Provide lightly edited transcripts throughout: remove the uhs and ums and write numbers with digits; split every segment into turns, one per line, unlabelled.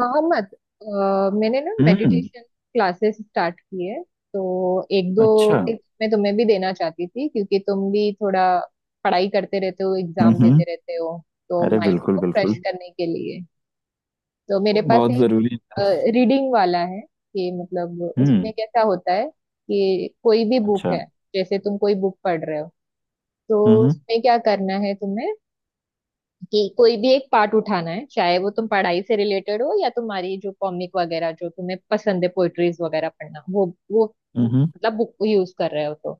मोहम्मद, अ, मैंने ना
हम्म।
मेडिटेशन क्लासेस स्टार्ट की है। तो एक दो
अच्छा।
टिप्स मैं तुम्हें भी देना चाहती थी क्योंकि तुम भी थोड़ा पढ़ाई करते रहते हो, एग्जाम
हम्म।
देते रहते हो, तो
अरे
माइंड
बिल्कुल
को फ्रेश
बिल्कुल
करने के लिए। तो मेरे पास
बहुत
एक
जरूरी है।
रीडिंग वाला है कि मतलब उसमें
हम्म।
कैसा होता है कि कोई भी बुक
अच्छा।
है। जैसे तुम कोई बुक पढ़ रहे हो तो
हम्म
उसमें क्या करना है तुम्हें, कि कोई भी एक पार्ट उठाना है, चाहे वो तुम पढ़ाई से रिलेटेड हो या तुम्हारी जो कॉमिक वगैरह जो तुम्हें पसंद है, पोइट्रीज वगैरह पढ़ना, वो
हम्म हम्म,
मतलब बुक यूज कर रहे हो तो।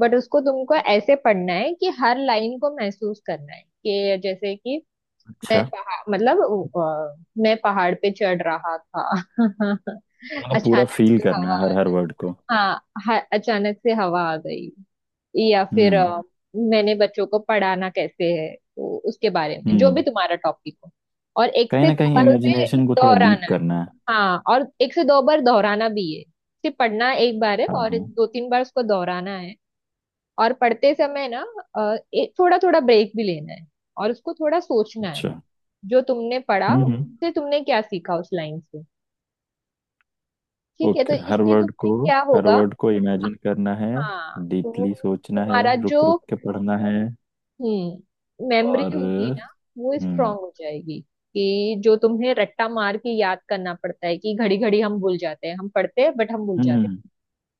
बट उसको तुमको ऐसे पढ़ना है कि हर लाइन को महसूस करना है, कि जैसे कि मैं
अच्छा।
पहाड़, मतलब अ, मैं पहाड़ पे चढ़ रहा था
मतलब पूरा
अचानक
फील
से हवा
करना है
आ
हर हर
गई।
वर्ड को।
हाँ, अचानक से हवा आ गई। या फिर
हम्म
मैंने बच्चों को पढ़ाना कैसे है, तो उसके बारे में जो भी
हम्म।
तुम्हारा टॉपिक हो और एक
कहीं
से
ना
दो
कहीं
बार उसे
इमेजिनेशन को थोड़ा डीप
दोहराना है।
करना है।
हाँ, और एक से दो बार दोहराना भी है, सिर्फ पढ़ना एक बार है
हाँ
और
हाँ।
दो तीन बार उसको दोहराना है। और पढ़ते समय ना एक थोड़ा थोड़ा ब्रेक भी लेना है और उसको थोड़ा सोचना है,
अच्छा।
जो तुमने पढ़ा
हम्म।
उससे तुमने क्या सीखा उस लाइन से। ठीक है? तो
ओके
इससे तुम्हें क्या
हर
होगा,
वर्ड को इमेजिन करना है।
हाँ तो
डीपली सोचना है
तुम्हारा जो
रुक रुक के पढ़ना है
मेमोरी
और।
होगी ना, वो स्ट्रांग
हम्म
हो जाएगी। कि जो तुम्हें रट्टा मार के याद करना पड़ता है, कि घड़ी घड़ी हम भूल जाते हैं, हम पढ़ते हैं बट हम भूल जाते हैं,
हम्म।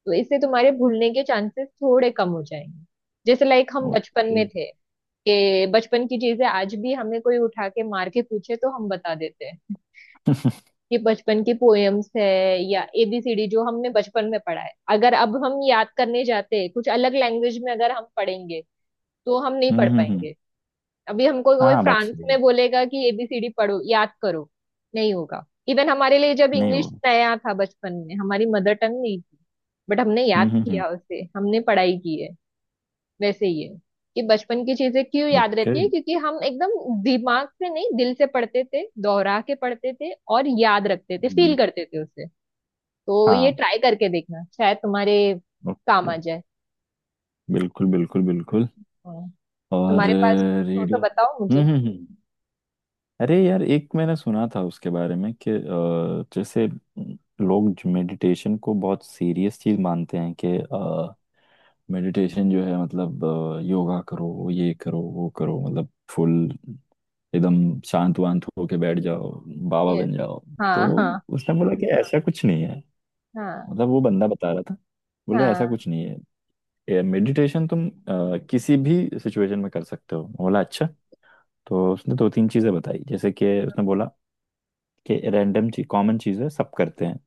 तो इससे तुम्हारे भूलने के चांसेस थोड़े कम हो जाएंगे। जैसे लाइक हम बचपन
ओके।
में थे, कि बचपन की चीजें आज भी हमें कोई उठा के मार के पूछे तो हम बता देते हैं, कि बचपन की पोएम्स है या एबीसीडी जो हमने बचपन में पढ़ा है। अगर अब हम याद करने जाते कुछ अलग लैंग्वेज में, अगर हम पढ़ेंगे तो हम नहीं
हम्म
पढ़
हम्म हम्म,
पाएंगे। अभी हमको कोई
हाँ बात
फ्रांस
सही है।
में बोलेगा कि एबीसीडी पढ़ो, याद करो, नहीं होगा। इवन हमारे लिए जब
नहीं वो।
इंग्लिश नया था बचपन में, हमारी मदर टंग नहीं थी, बट हमने याद
हम्म।
किया उसे, हमने पढ़ाई की है। वैसे ही है, कि बचपन की चीजें क्यों याद
ओके।
रहती है, क्योंकि हम एकदम दिमाग से नहीं दिल से पढ़ते थे, दोहरा के पढ़ते थे और याद रखते थे, फील
हम्म,
करते थे उसे। तो ये
हाँ।
ट्राई करके देखना, शायद तुम्हारे काम
ओके।
आ जाए।
बिल्कुल बिल्कुल बिल्कुल।
और
और
तुम्हारे पास भी कुछ हो तो
रीडिंग।
बताओ
हम्म
मुझे।
हम्म हम्म। अरे यार एक मैंने सुना था उसके बारे में कि जैसे लोग मेडिटेशन को बहुत सीरियस चीज मानते हैं कि मेडिटेशन जो है मतलब योगा करो ये करो वो करो मतलब फुल एकदम शांत वांत होके बैठ जाओ बाबा
यस।
बन जाओ। तो
हाँ हाँ।
उसने बोला कि ऐसा कुछ नहीं है।
हाँ
मतलब वो बंदा बता रहा था। बोला ऐसा
हाँ।
कुछ नहीं है। ये मेडिटेशन तुम किसी भी सिचुएशन में कर सकते हो। मैं बोला अच्छा। तो उसने दो तीन चीजें बताई जैसे कि उसने बोला कि रैंडम चीज कॉमन चीज है सब करते हैं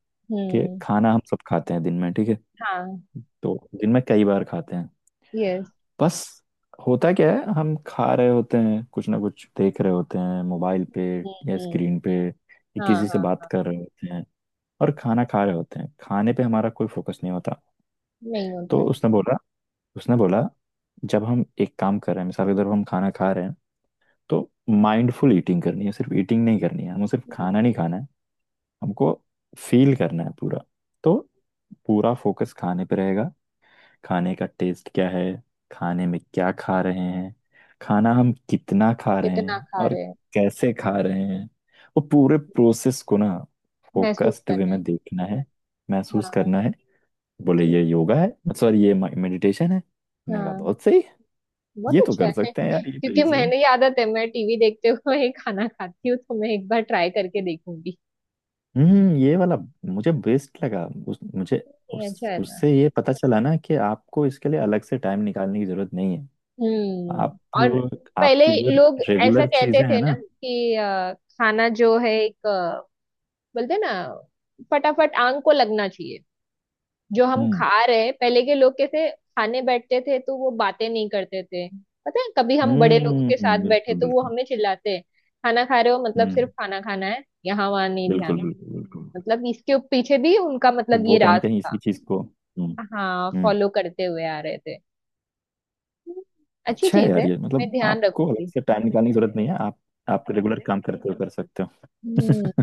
कि
हम्म।
खाना हम सब खाते हैं दिन में। ठीक है
हाँ।
तो दिन में कई बार खाते हैं।
यस।
बस होता क्या है हम खा रहे होते हैं कुछ ना कुछ देख रहे होते हैं मोबाइल पे
हम्म
या
हम्म।
स्क्रीन पे या
हाँ
किसी से
हाँ।
बात कर रहे होते हैं और खाना खा रहे होते हैं। खाने पे हमारा कोई फोकस नहीं होता।
नहीं होता
तो
है।
उसने बोला जब हम एक काम कर रहे हैं मिसाल के तौर पर हम खाना खा रहे हैं तो माइंडफुल ईटिंग करनी है सिर्फ ईटिंग नहीं करनी है हमें सिर्फ खाना नहीं खाना है। हमको फील करना है पूरा। तो पूरा फोकस खाने पे रहेगा। खाने का टेस्ट क्या है। खाने में क्या खा रहे हैं। खाना हम कितना खा रहे
कितना
हैं
खा
और
रहे हैं।
कैसे खा रहे हैं। वो पूरे प्रोसेस को ना
महसूस
फोकस्ड वे
करना है।
में देखना है। महसूस
हाँ।
करना है। बोले
ठीक।
ये योगा है सॉरी ये मेडिटेशन है। मैं कहा
हाँ,
बहुत सही।
बहुत
ये तो
अच्छा
कर
है।
सकते हैं यार ये तो
क्योंकि
इजी है।
मैंने, ये आदत है, मैं टीवी देखते हुए ही खाना खाती हूँ, तो मैं एक बार ट्राई करके देखूंगी।
ये वाला मुझे बेस्ट लगा उस मुझे
नहीं, अच्छा
उस
है ना।
उससे ये पता चला ना कि आपको इसके लिए अलग से टाइम निकालने की जरूरत नहीं है। आप
हम्म। और पहले
आपकी जो
लोग ऐसा
रेगुलर
कहते
चीजें हैं
थे ना
ना।
कि खाना जो है एक, बोलते ना फटाफट आंख को लगना चाहिए जो हम
हम्म
खा रहे हैं। पहले के लोग कैसे खाने बैठते थे, तो वो बातें नहीं करते थे। पता है, कभी हम बड़े लोगों के साथ बैठे
बिल्कुल
तो वो
बिल्कुल।
हमें चिल्लाते हैं, खाना खा रहे हो मतलब सिर्फ
हम्म
खाना खाना है, यहाँ वहाँ नहीं
बिल्कुल
ध्यान।
बिल्कुल बिल्कुल।
मतलब इसके पीछे भी उनका
तो
मतलब ये
वो कहीं ना
राज
कहीं
था।
इसी चीज को।
हाँ,
हम्म।
फॉलो करते हुए आ रहे थे। हम्म, अच्छी
अच्छा है
चीज है।
यार ये
मैं
मतलब
ध्यान
आपको अलग
रखूंगी।
से टाइम निकालने की जरूरत नहीं है। आप रेगुलर काम करते हुए कर सकते
हम्म।
हो।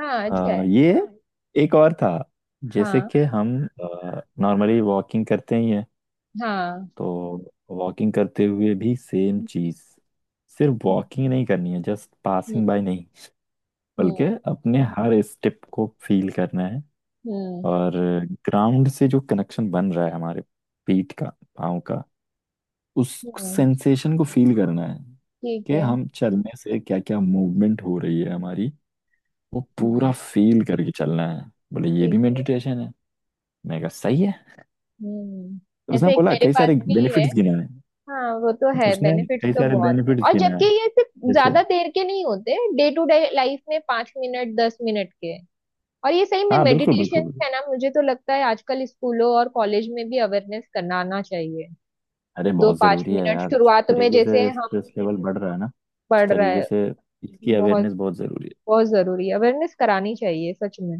हाँ, अच्छा है।
ये एक और था जैसे
हाँ
कि हम नॉर्मली वॉकिंग करते ही हैं।
हाँ।
तो वॉकिंग करते हुए भी सेम
हम्म
चीज सिर्फ वॉकिंग नहीं करनी है जस्ट
हम्म
पासिंग बाय नहीं
हम्म
बल्कि अपने हर स्टेप को फील करना है।
हम्म।
और ग्राउंड से जो कनेक्शन बन रहा है हमारे पीठ का पाँव का उस
हम्म।
सेंसेशन को फील करना है
ठीक
कि
है।
हम चलने से क्या क्या मूवमेंट हो रही है हमारी। वो
हम्म।
पूरा फील करके चलना है। बोले ये
ठीक
भी
है।
मेडिटेशन है। मैं कहा सही है।
हम्म।
उसने
ऐसे एक
बोला
मेरे
कई
पास
सारे
भी है।
बेनिफिट्स गिनाए हैं।
हाँ, वो तो है,
उसने
बेनिफिट्स
कई
तो
सारे
बहुत है,
बेनिफिट्स
और
गिनाए
जबकि
हैं
ये सिर्फ
जैसे।
ज्यादा देर के नहीं होते, डे टू डे लाइफ में 5 मिनट 10 मिनट के हैं। और ये सही में
हाँ बिल्कुल
मेडिटेशन
बिल्कुल बिल्कुल।
है ना, मुझे तो लगता है आजकल स्कूलों और कॉलेज में भी अवेयरनेस कराना चाहिए।
अरे
दो
बहुत
पांच
जरूरी है
मिनट
यार। जिस
शुरुआत में
तरीके से
जैसे हम
स्ट्रेस लेवल बढ़ रहा है ना उस
पढ़ रहे
तरीके
हैं।
से इसकी
बहुत,
अवेयरनेस बहुत जरूरी
बहुत जरूरी अवेयरनेस करानी चाहिए सच में।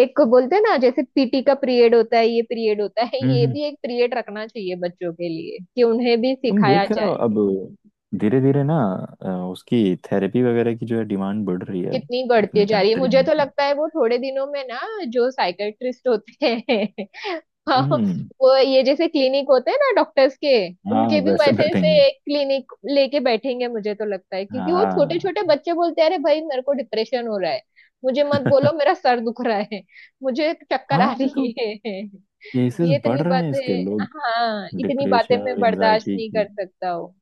एक को बोलते हैं ना, जैसे पीटी का पीरियड होता है, ये पीरियड होता है,
है।
ये भी एक पीरियड रखना चाहिए बच्चों के लिए कि उन्हें भी
तुम
सिखाया
देख रहे हो
जाए।
अब धीरे धीरे ना उसकी थेरेपी वगैरह की जो है डिमांड बढ़ रही है अब
कितनी बढ़ती
अपनी
जा रही है,
कंट्री
मुझे
में।
तो लगता है वो थोड़े दिनों में ना जो साइकेट्रिस्ट होते हैं हाँ,
हम्म।
वो ये जैसे क्लिनिक होते हैं ना डॉक्टर्स के,
हाँ
उनके भी
वैसे
वैसे ऐसे
बैठेंगे।
एक क्लिनिक लेके बैठेंगे, मुझे तो लगता है। क्योंकि वो छोटे
हाँ
छोटे बच्चे बोलते हैं, अरे भाई मेरे को डिप्रेशन हो रहा है, मुझे मत बोलो, मेरा सर दुख रहा है, मुझे चक्कर
हाँ
आ
अभी
रही है
केसेस
ये
बढ़
इतनी
रहे हैं इसके।
बातें,
लोग
हाँ इतनी बातें
डिप्रेशन
मैं
और
बर्दाश्त
एंजाइटी
नहीं
की।
कर सकता हूँ।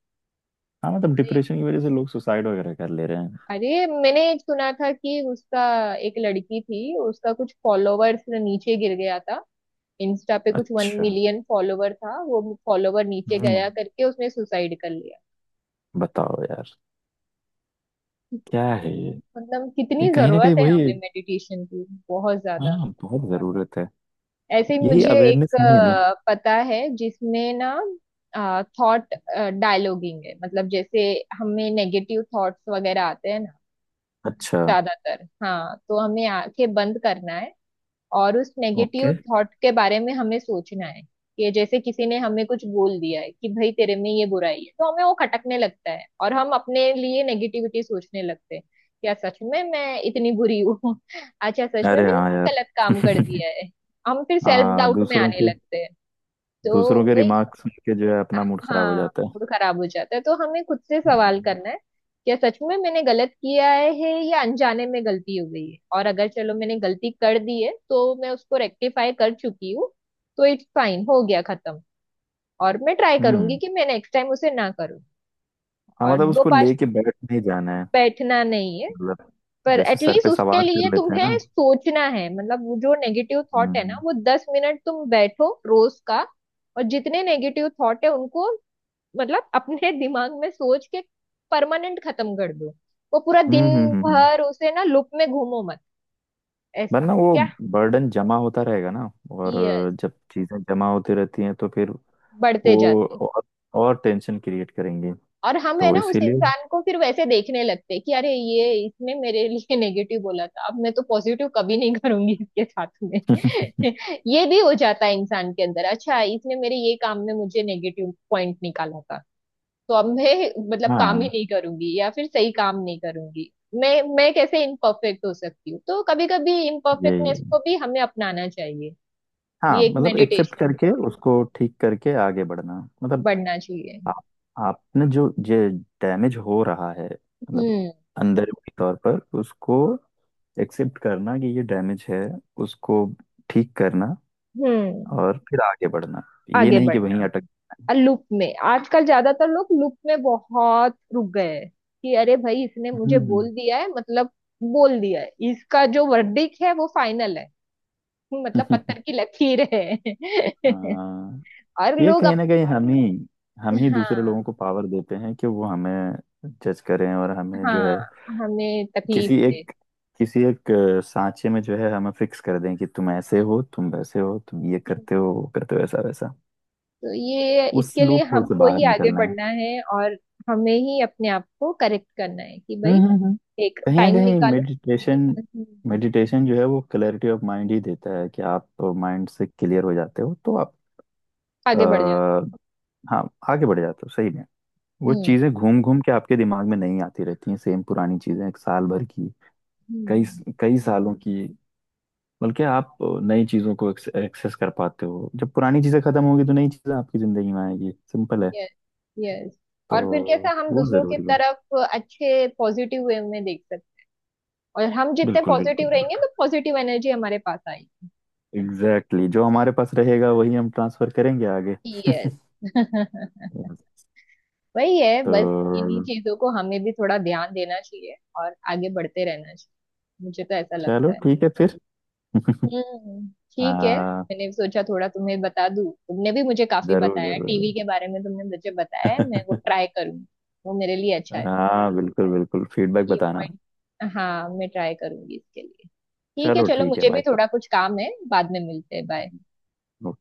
हाँ मतलब
नहीं,
डिप्रेशन की वजह से लोग सुसाइड वगैरह कर ले रहे हैं।
अरे मैंने सुना था कि उसका, एक लड़की थी उसका कुछ फॉलोवर्स नीचे गिर गया था, इंस्टा पे कुछ वन
अच्छा।
मिलियन फॉलोवर था वो, फॉलोवर नीचे
हम्म।
गया करके उसने सुसाइड कर लिया।
बताओ यार क्या है ये।
मतलब
ये
कितनी
कहीं ना कहीं
जरूरत है
वही।
हमें मेडिटेशन की, बहुत ज्यादा।
हाँ बहुत जरूरत है।
ऐसे ही
यही
मुझे
अवेयरनेस
एक
नहीं है ना।
पता है, जिसमें ना थॉट डायलॉगिंग है। मतलब जैसे हमें नेगेटिव थॉट्स वगैरह आते हैं
अच्छा।
ज्यादातर, हाँ तो हमें आंखें बंद करना है और उस नेगेटिव
ओके।
थॉट के बारे में हमें सोचना है। कि जैसे किसी ने हमें कुछ बोल दिया है, कि भाई तेरे में ये बुराई है, तो हमें वो खटकने लगता है और हम अपने लिए नेगेटिविटी सोचने लगते हैं, क्या सच में मैं इतनी बुरी हूँ अच्छा सच में
अरे
मैंने
हाँ यार
गलत काम कर दिया है। हम फिर सेल्फ
हाँ
डाउट में आने लगते हैं। तो
दूसरों के
वही,
रिमार्क सुन के जो है अपना मूड खराब हो
हाँ,
जाता है।
मूड खराब हो जाता है, तो हमें खुद से सवाल
हम्म।
करना है, क्या सच में मैंने गलत किया है या अनजाने में गलती हो गई है। और अगर चलो मैंने गलती कर दी है तो मैं उसको रेक्टिफाई कर चुकी हूँ, तो इट्स फाइन, हो गया खत्म। और मैं ट्राई करूंगी कि मैं नेक्स्ट टाइम उसे ना करूँ।
हाँ
और
मतलब
दो
उसको
पास
लेके बैठ नहीं जाना है।
बैठना नहीं है,
मतलब
पर
जैसे सर
एटलीस्ट
पे
उसके
सवार
लिए
कर लेते हैं
तुम्हें
ना।
सोचना है। मतलब वो जो नेगेटिव थॉट है ना,
हम्म
वो 10 मिनट तुम बैठो रोज का, और जितने नेगेटिव थॉट है उनको, मतलब अपने दिमाग में सोच के परमानेंट खत्म कर दो। वो पूरा दिन
हम्म हम्म हम्म हम्म।
भर उसे ना लूप में घूमो मत, ऐसा
वरना वो
क्या।
बर्डन जमा होता रहेगा ना। और
यस,
जब चीजें जमा होती रहती हैं तो फिर
बढ़ते
वो
जाते।
और टेंशन क्रिएट करेंगे।
और हम है
तो
ना उस
इसीलिए
इंसान को फिर वैसे देखने लगते हैं, कि अरे ये इसने मेरे लिए नेगेटिव बोला था, अब मैं तो पॉजिटिव कभी नहीं करूंगी इसके साथ में ये भी हो जाता है इंसान के अंदर, अच्छा इसने मेरे ये काम में मुझे नेगेटिव पॉइंट निकाला था, तो अब मैं मतलब काम ही
हाँ।
नहीं करूंगी, या फिर सही काम नहीं करूंगी। मैं मैं कैसे इम्परफेक्ट हो सकती हूँ, तो कभी कभी
यही
इम्परफेक्टनेस
है।
को भी हमें अपनाना चाहिए।
हाँ
ये एक
मतलब एक्सेप्ट
मेडिटेशन
करके
में
उसको ठीक करके आगे बढ़ना। मतलब
बढ़ना चाहिए।
आप आपने जो ये डैमेज हो रहा है मतलब
हम्म
अंदर के तौर पर उसको एक्सेप्ट करना कि ये डैमेज है। उसको ठीक करना
हम्म।
और फिर आगे बढ़ना। ये
आगे
नहीं कि वहीं
बढ़ना।
अटक।
लूप में आजकल ज्यादातर लोग लूप में बहुत रुक गए हैं, कि अरे भाई इसने मुझे
हम्म
बोल दिया है, मतलब बोल दिया है, इसका जो वर्डिक है वो फाइनल है, मतलब पत्थर की लकीर है
हाँ
और
ये
लोग
कहीं ना कहीं हम ही दूसरे लोगों
हाँ
को पावर देते हैं कि वो हमें जज करें और हमें
हाँ।
जो है
हमें तकलीफ
किसी
दे।
एक किसी एक सांचे में जो है हमें फिक्स कर दें कि तुम ऐसे हो तुम वैसे हो तुम ये करते
हम्म।
हो वो करते हो ऐसा वैसा।
तो ये
उस
इसके लिए
लूप होल से
हमको
बाहर
ही आगे
निकलना है।
बढ़ना है, और हमें ही अपने आप को करेक्ट करना है, कि
हम्म
भाई
हम्म हम्म।
एक
कहीं ना
टाइम
कहीं
निकालो।
मेडिटेशन।
हम्म।
मेडिटेशन जो है वो क्लैरिटी ऑफ माइंड ही देता है कि आप माइंड से क्लियर हो जाते हो तो आप
आगे बढ़ जाओ।
आ, हाँ आगे बढ़ जाते हो सही। वो चीजें घूम घूम के आपके दिमाग में नहीं आती रहती हैं। सेम पुरानी चीजें एक साल भर की कई
हम्म।
कई सालों की। बल्कि आप नई चीजों को एक्सेस कर पाते हो। जब पुरानी चीजें खत्म होगी तो नई चीजें आपकी जिंदगी में आएगी। सिंपल है।
Yes, yes.
तो
और फिर कैसा हम
वो
दूसरों की
जरूरी है।
तरफ अच्छे पॉजिटिव वे में देख सकते, और हम जितने
बिल्कुल बिल्कुल
पॉजिटिव रहेंगे
बिल्कुल।
तो पॉजिटिव एनर्जी हमारे पास आएगी।
Exactly exactly। जो हमारे पास रहेगा वही हम ट्रांसफर करेंगे आगे।
यस वही है
तो
बस। इन्हीं चीजों को हमें भी थोड़ा ध्यान देना चाहिए, और आगे बढ़ते रहना चाहिए, मुझे तो ऐसा
चलो
लगता है।
ठीक है फिर।
हम्म। ठीक है।
हाँ
मैंने सोचा थोड़ा तुम्हें बता दूं, तुमने भी मुझे काफी
जरूर
बताया
जरूर
टीवी
जरूर।
के बारे में, तुमने मुझे बताया है, मैं वो ट्राई करूंगी, वो मेरे लिए अच्छा है।
हाँ बिल्कुल बिल्कुल फीडबैक
ये
बताना।
पॉइंट, हाँ, मैं ट्राई करूंगी इसके लिए। ठीक है,
चलो
चलो
ठीक है
मुझे भी
बाय।
थोड़ा कुछ काम है, बाद में मिलते हैं, बाय।
नो।